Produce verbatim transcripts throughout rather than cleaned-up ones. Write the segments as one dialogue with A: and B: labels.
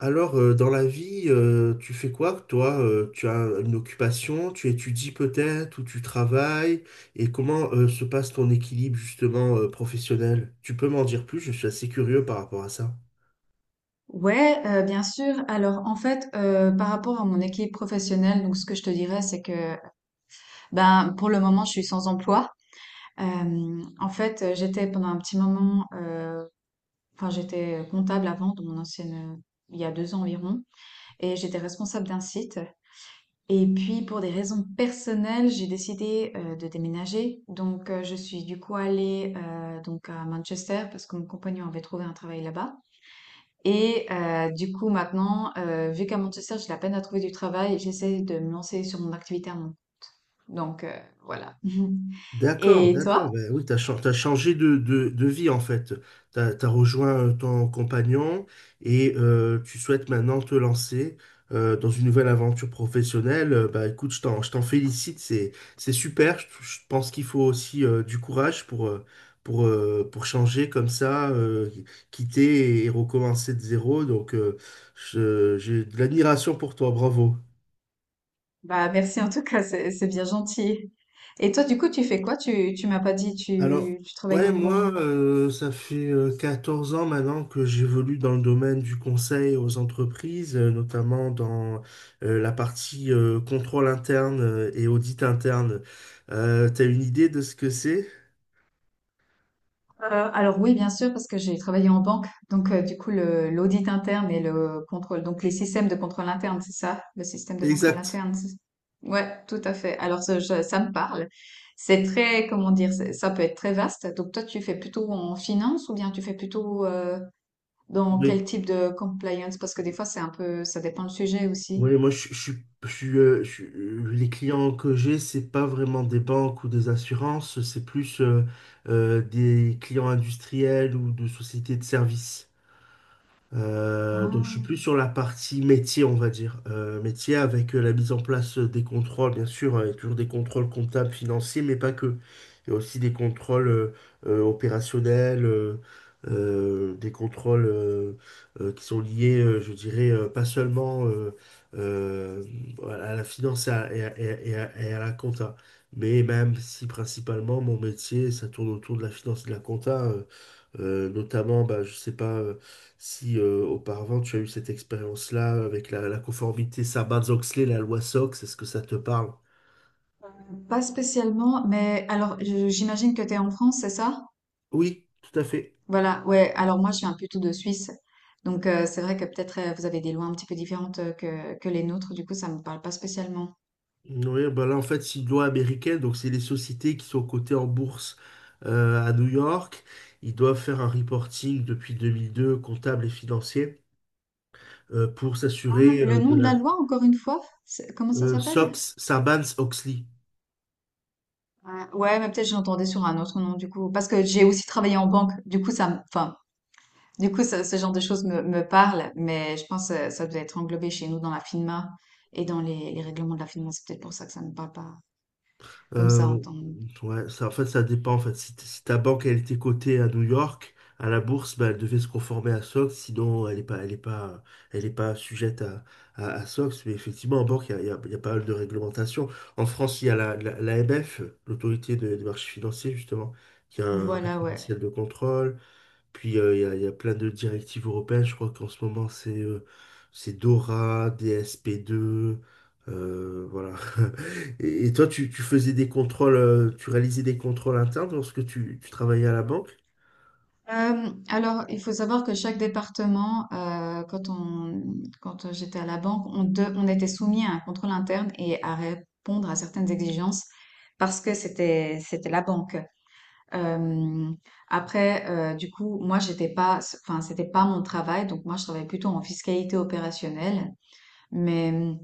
A: Alors, euh, dans la vie, euh, tu fais quoi, toi? Euh, tu as une occupation, tu étudies peut-être ou tu travailles? Et comment euh, se passe ton équilibre justement euh, professionnel? Tu peux m'en dire plus, je suis assez curieux par rapport à ça.
B: Ouais, heu, bien sûr. Alors, en fait, heu, par rapport à mon équipe professionnelle, donc ce que je te dirais, c'est que, ben, pour le moment, je suis sans emploi. Hem, en fait, heu, j'étais pendant un petit moment, heu, enfin, j'étais comptable avant dans mon ancienne, il y a deux ans environ, et j'étais responsable d'un site. Et puis pour des raisons personnelles, j'ai décidé, heu, de déménager. Donc, heu, je suis du coup allée, heu, donc à Manchester parce que mon compagnon avait trouvé un travail là-bas. Et heu, du coup maintenant, heu, vu qu'à Manchester, j'ai de la peine à trouver du travail, j'essaie de me lancer sur mon activité à mon… Donc heu, voilà.
A: D'accord,
B: Et toi?
A: d'accord. Ben oui, t'as, chan- t'as changé de, de, de vie en fait. T'as, t'as rejoint euh, ton compagnon et euh, tu souhaites maintenant te lancer euh, dans une nouvelle aventure professionnelle. Euh, Bah écoute, je t'en, je t'en félicite, c'est, c'est super. Je, je pense qu'il faut aussi euh, du courage pour, euh, pour, euh, pour changer comme ça, euh, quitter et recommencer de zéro. Donc euh, je- j'ai de l'admiration pour toi, bravo.
B: Bah, merci en tout cas, c'est c'est bien gentil. Et toi, du coup, tu fais quoi? Tu tu m'as pas dit,
A: Alors,
B: tu tu travailles
A: ouais,
B: dans quoi?
A: moi, euh, ça fait euh, quatorze ans maintenant que j'évolue dans le domaine du conseil aux entreprises, euh, notamment dans euh, la partie euh, contrôle interne euh, et audit interne. Euh, t'as une idée de ce que c'est?
B: Euh, alors oui, bien sûr, parce que j'ai travaillé en banque, donc euh, du coup le l'audit interne et le contrôle, donc les systèmes de contrôle interne, c'est ça, le système de contrôle
A: Exact.
B: interne. c'est- Ouais, tout à fait. Alors ça, je- ça me parle. C'est très, comment dire, c'est- ça peut être très vaste. Donc toi, tu fais plutôt en finance ou bien tu fais plutôt euh, dans
A: Oui,
B: quel type de compliance? Parce que des fois, c'est un peu, ça dépend le sujet aussi.
A: oui, moi, je, je suis, je suis, euh, je suis- euh, les clients que j'ai, c'est pas vraiment des banques ou des assurances, c'est plus euh, euh, des clients industriels ou de sociétés de services. Euh, donc je
B: Ah.
A: suis plus sur la partie métier, on va dire. Euh, métier avec euh, la mise en place des contrôles, bien sûr, euh, il y a toujours des contrôles comptables, financiers, mais pas que. Il y a aussi des contrôles euh, euh, opérationnels, euh, euh, des contrôles euh, euh, qui sont liés, euh, je dirais, euh, pas seulement euh, euh, à la finance et à, et à- et à- et à et à la compta. Mais même si principalement mon métier, ça tourne autour de la finance et de la compta, euh, euh, notamment, bah, je sais pas. euh, Si euh, auparavant tu as eu cette expérience-là avec la, la conformité Sarbanes-Oxley, la loi SOX, est-ce que ça te parle?
B: Pas spécialement, mais alors je- j'imagine que tu es en France, c'est ça?
A: Oui, tout à fait.
B: Voilà, ouais. Alors moi, je suis un peu tout de Suisse. Donc euh, c'est vrai que peut-être euh, vous avez des lois un petit peu différentes euh, que, que les nôtres. Du coup, ça me parle pas spécialement.
A: Oui, bah là en fait c'est une loi américaine, donc c'est les sociétés qui sont cotées en bourse euh, à New York. Ils doivent faire un reporting depuis deux mille deux, comptable et financier, euh, pour
B: Ah,
A: s'assurer
B: le
A: euh, de
B: nom de
A: la
B: la loi, encore une fois, c'est- comment ça
A: euh,
B: s'appelle?
A: SOX, Sarbanes-Oxley.
B: Ah, ouais, mais peut-être j'entendais sur un autre nom, du coup. Parce que j'ai aussi travaillé en banque. Du coup, ça, me- enfin, du coup, ça- ce genre de choses me, me parle. Mais je pense que ça devait être englobé chez nous dans la FINMA et dans les, les règlements de la FINMA. C'est peut-être pour ça que ça ne me parle pas comme ça
A: Euh,
B: en temps.
A: ouais, ça, en fait, ça dépend. En fait, si, t- si ta banque elle était cotée à New York, à la bourse, bah, elle devait se conformer à SOX, sinon elle est pas, elle est pas, elle est pas sujette à, à, à SOX. Mais effectivement, en banque, il y a, il y a- il y a pas mal de réglementations. En France, il y a la, la, l'A M F, l'Autorité de- des marchés financiers, justement, qui a un
B: Voilà, ouais.
A: référentiel de contrôle. Puis euh, il y a, il y a plein de directives européennes. Je crois qu'en ce moment, c'est euh, c'est DORA, D S P deux. Euh, voilà. Et, et toi, tu, tu faisais des contrôles, euh, tu réalisais des contrôles internes lorsque tu, tu travaillais à la banque?
B: Euh, alors, il faut savoir que chaque département, euh, quand on, quand j'étais à la banque, on, de- on était soumis à un contrôle interne et à répondre à certaines exigences parce que c'était, c'était la banque. Euh, après, euh, du coup, moi, j'étais pas, enfin, c'était pas mon travail, donc moi, je travaillais plutôt en fiscalité opérationnelle, mais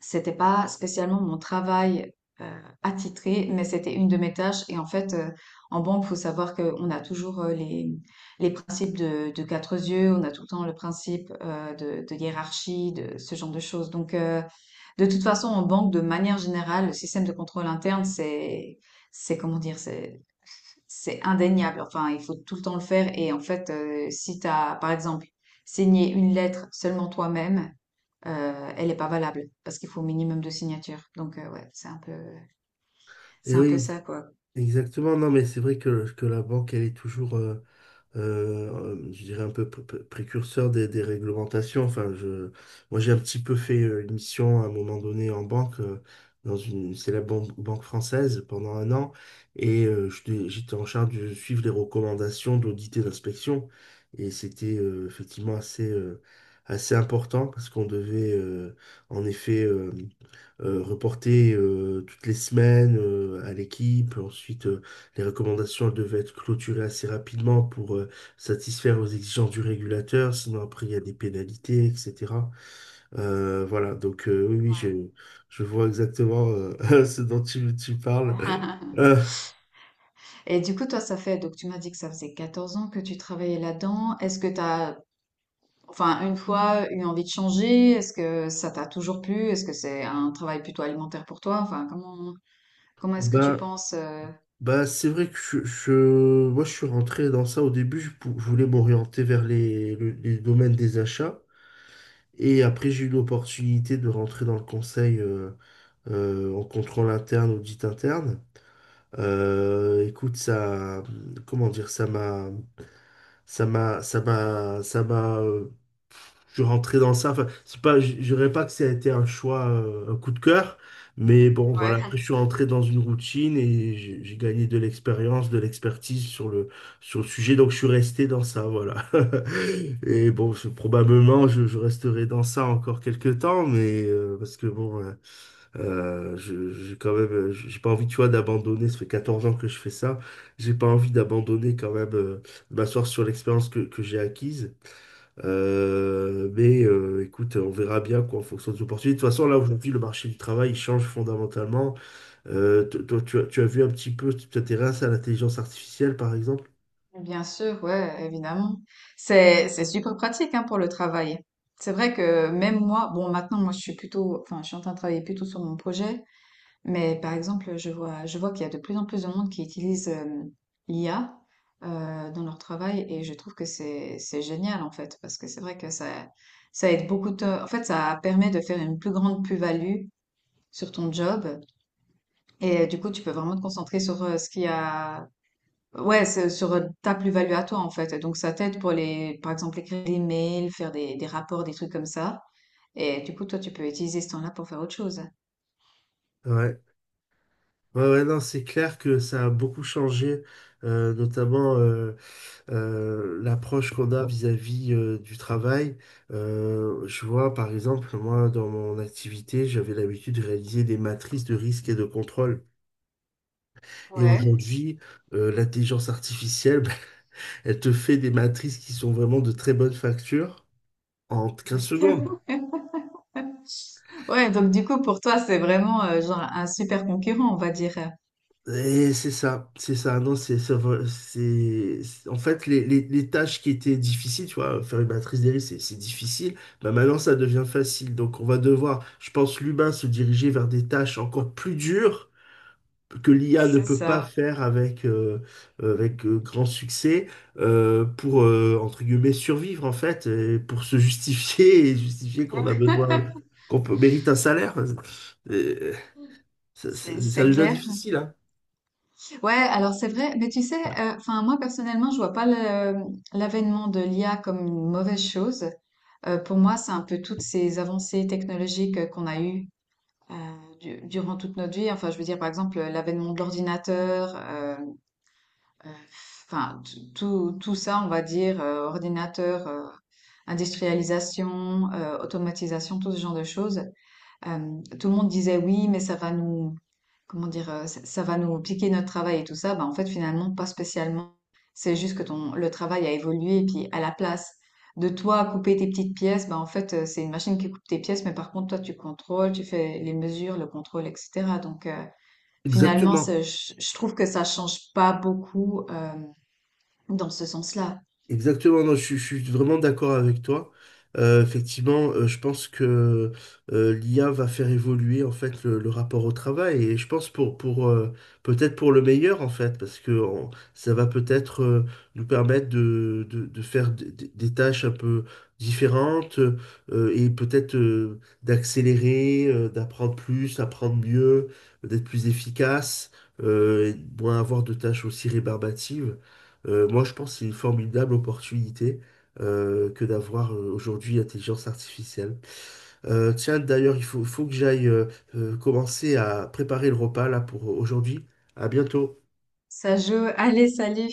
B: c'était pas spécialement mon travail euh, attitré, mais c'était une de mes tâches. Et en fait, euh, en banque, faut savoir qu'on a toujours euh, les, les principes de, de quatre yeux, on a tout le temps le principe euh, de, de hiérarchie, de ce genre de choses. Donc, euh, de toute façon, en banque, de manière générale, le système de contrôle interne, c'est, c'est comment dire, c'est, c'est indéniable. Enfin, il faut tout le temps le faire. Et en fait, euh, si tu as, par exemple, signé une lettre seulement toi-même, euh, elle n'est pas valable parce qu'il faut au minimum de signatures. Donc, euh, ouais, c'est un peu,
A: Et
B: c'est un peu
A: oui,
B: ça, quoi.
A: exactement. Non, mais c'est vrai que, que la banque, elle est toujours, euh, euh, je dirais un peu pr- pr- précurseur des, des réglementations. Enfin, je, moi, j'ai un petit peu fait euh, une mission à un moment donné en banque, euh, dans une célèbre ban- banque française pendant un an, et euh, j'étais j'étais en charge de suivre les recommandations d'audit et d'inspection. Et c'était euh, effectivement assez, euh, assez important parce qu'on devait euh, en effet euh, euh, reportées euh, toutes les semaines euh, à l'équipe. Ensuite, euh, les recommandations, elles devaient être clôturées assez rapidement pour euh, satisfaire aux exigences du régulateur. Sinon, après, il y a des pénalités, et cætera. Euh, voilà, donc euh, oui, oui, je,
B: Ouais.
A: je vois exactement euh, ce dont tu, tu parles. Euh,
B: Et du coup, toi, ça fait, donc tu m'as dit que ça faisait quatorze ans que tu travaillais là-dedans. Est-ce que tu as, enfin, une fois eu envie de changer? Est-ce que ça t'a toujours plu? Est-ce que c'est un travail plutôt alimentaire pour toi? Enfin, comment, comment est-ce que tu
A: ben,
B: penses, euh,
A: ben, c'est vrai que je, je- moi, je suis rentré dans ça au début. Je, pou- je voulais m'orienter vers les, le- les domaines des achats. Et après, j'ai eu l'opportunité de rentrer dans le conseil euh, euh, en contrôle interne, audit interne. Euh, écoute, ça, comment dire, ça m'a, ça m'a, ça m'a, ça m'a, euh, je suis rentré dans ça. Enfin, c'est pas, je je dirais pas que ça a été un choix, euh, un coup de cœur, mais bon,
B: Ouais.
A: voilà. Après, je suis rentré dans une routine et j'ai j'ai gagné de l'expérience, de l'expertise sur le, sur le sujet. Donc, je suis resté dans ça, voilà. Et bon, c'est- probablement, je, je resterai dans ça encore quelques temps, mais euh, parce que bon. euh, euh, je- J'ai quand même, euh, j'ai pas envie, tu vois, d'abandonner. Ça fait quatorze ans que je fais ça. J'ai pas envie d'abandonner quand même, euh, de m'asseoir sur l'expérience que, que j'ai acquise. Euh, mais euh, écoute, on verra bien quoi en fonction des opportunités. De toute façon, là aujourd'hui, le marché du travail il change fondamentalement. Euh, to- toi, tu as, tu as vu un petit peu, tu t'intéresses à l'intelligence artificielle, par exemple?
B: Bien sûr, ouais, évidemment. C'est c'est super pratique hein, pour le travail. C'est vrai que même moi, bon maintenant moi je suis plutôt, enfin je suis en train de travailler plutôt sur mon projet. Mais par exemple, je vois, je vois qu'il y a de plus en plus de monde qui utilise euh, l'I A euh, dans leur travail et je trouve que c'est c'est génial en fait parce que c'est vrai que ça ça aide beaucoup de, en fait ça permet de faire une plus grande plus-value sur ton job, et euh, du coup tu peux vraiment te concentrer sur euh, ce qu'il y a, ouais c'est- sur euh, ta plus-value à toi en fait. Et donc ça t'aide pour les par exemple écrire des mails, faire des des rapports, des trucs comme ça, et du coup toi tu peux utiliser ce temps-là pour faire autre chose.
A: Ouais. Ouais, ouais, non, c'est clair que ça a beaucoup changé, euh, notamment. euh, euh, l'approche qu'on a vis-à-vis euh, du travail. Euh, je vois, par exemple, moi, dans mon activité, j'avais l'habitude de réaliser des matrices de risque et de contrôle. Et
B: Ouais.
A: aujourd'hui, euh, l'intelligence artificielle, elle te fait des matrices qui sont vraiment de très bonne facture en quinze secondes.
B: Ouais, donc du coup, pour toi, c'est vraiment euh, genre un super concurrent, on va dire.
A: Et c'est ça, c'est ça. Non, c'est, c'est, c'est- c'est- en fait les, les, les tâches qui étaient difficiles, tu vois, faire une matrice des risques, c'est c'est difficile. Bah maintenant, ça devient facile. Donc, on va devoir, je pense, l'humain se diriger vers des tâches encore plus dures que l'I A ne
B: C'est
A: peut pas
B: ça.
A: faire avec, euh, euh, avec euh, grand succès euh, pour, euh, entre guillemets, survivre, en fait, et pour se justifier et justifier qu'on a besoin, qu'on peut, mérite un salaire. Euh, ça,
B: C'est
A: ça- ça
B: c'est
A: devient
B: clair.
A: difficile, hein.
B: Ouais, alors c'est vrai, mais tu sais, euh, enfin moi personnellement, je vois pas le- l'avènement de l'I A comme une mauvaise chose. Euh, pour moi, c'est un peu toutes ces avancées technologiques euh, qu'on a eues heu, du durant toute notre vie. Enfin, je veux dire, par exemple, euh, l'avènement de l'ordinateur, heu heu, enfin, t tout tout ça, on va dire, heu, ordinateur, heu, industrialisation, heu, automatisation, tout ce genre de choses, euh, tout le monde disait oui, mais ça va nous, comment dire, euh, ça, ça va nous piquer notre travail et tout ça. Bah, en fait, finalement, pas spécialement. C'est juste que ton, le travail a évolué, et puis à la place de toi couper tes petites pièces, bah, en fait, euh, c'est une machine qui coupe tes pièces, mais par contre, toi, tu contrôles, tu fais les mesures, le contrôle, et cetera. Donc, euh, finalement,
A: Exactement.
B: ça- je, je trouve que ça change pas beaucoup, euh, dans ce sens-là.
A: Exactement, non, je, suis je suis vraiment d'accord avec toi. Euh, effectivement, euh, je pense que euh, l'I A va faire évoluer en fait le, le rapport au travail et je pense pour pour euh, peut-être pour le meilleur en fait parce que on- ça va peut-être euh, nous permettre de, de, de faire des des- des tâches un peu différentes euh, et peut-être euh, d'accélérer, euh, d'apprendre plus, apprendre mieux, d'être plus efficace, euh, et moins avoir de tâches aussi rébarbatives. Euh, moi, je pense que c'est une formidable opportunité euh, que d'avoir euh, aujourd'hui l'intelligence artificielle. Euh, tiens, d'ailleurs, il faut, faut que j'aille euh, euh, commencer à préparer le repas là pour aujourd'hui. À bientôt.
B: Ça joue. Allez, salut!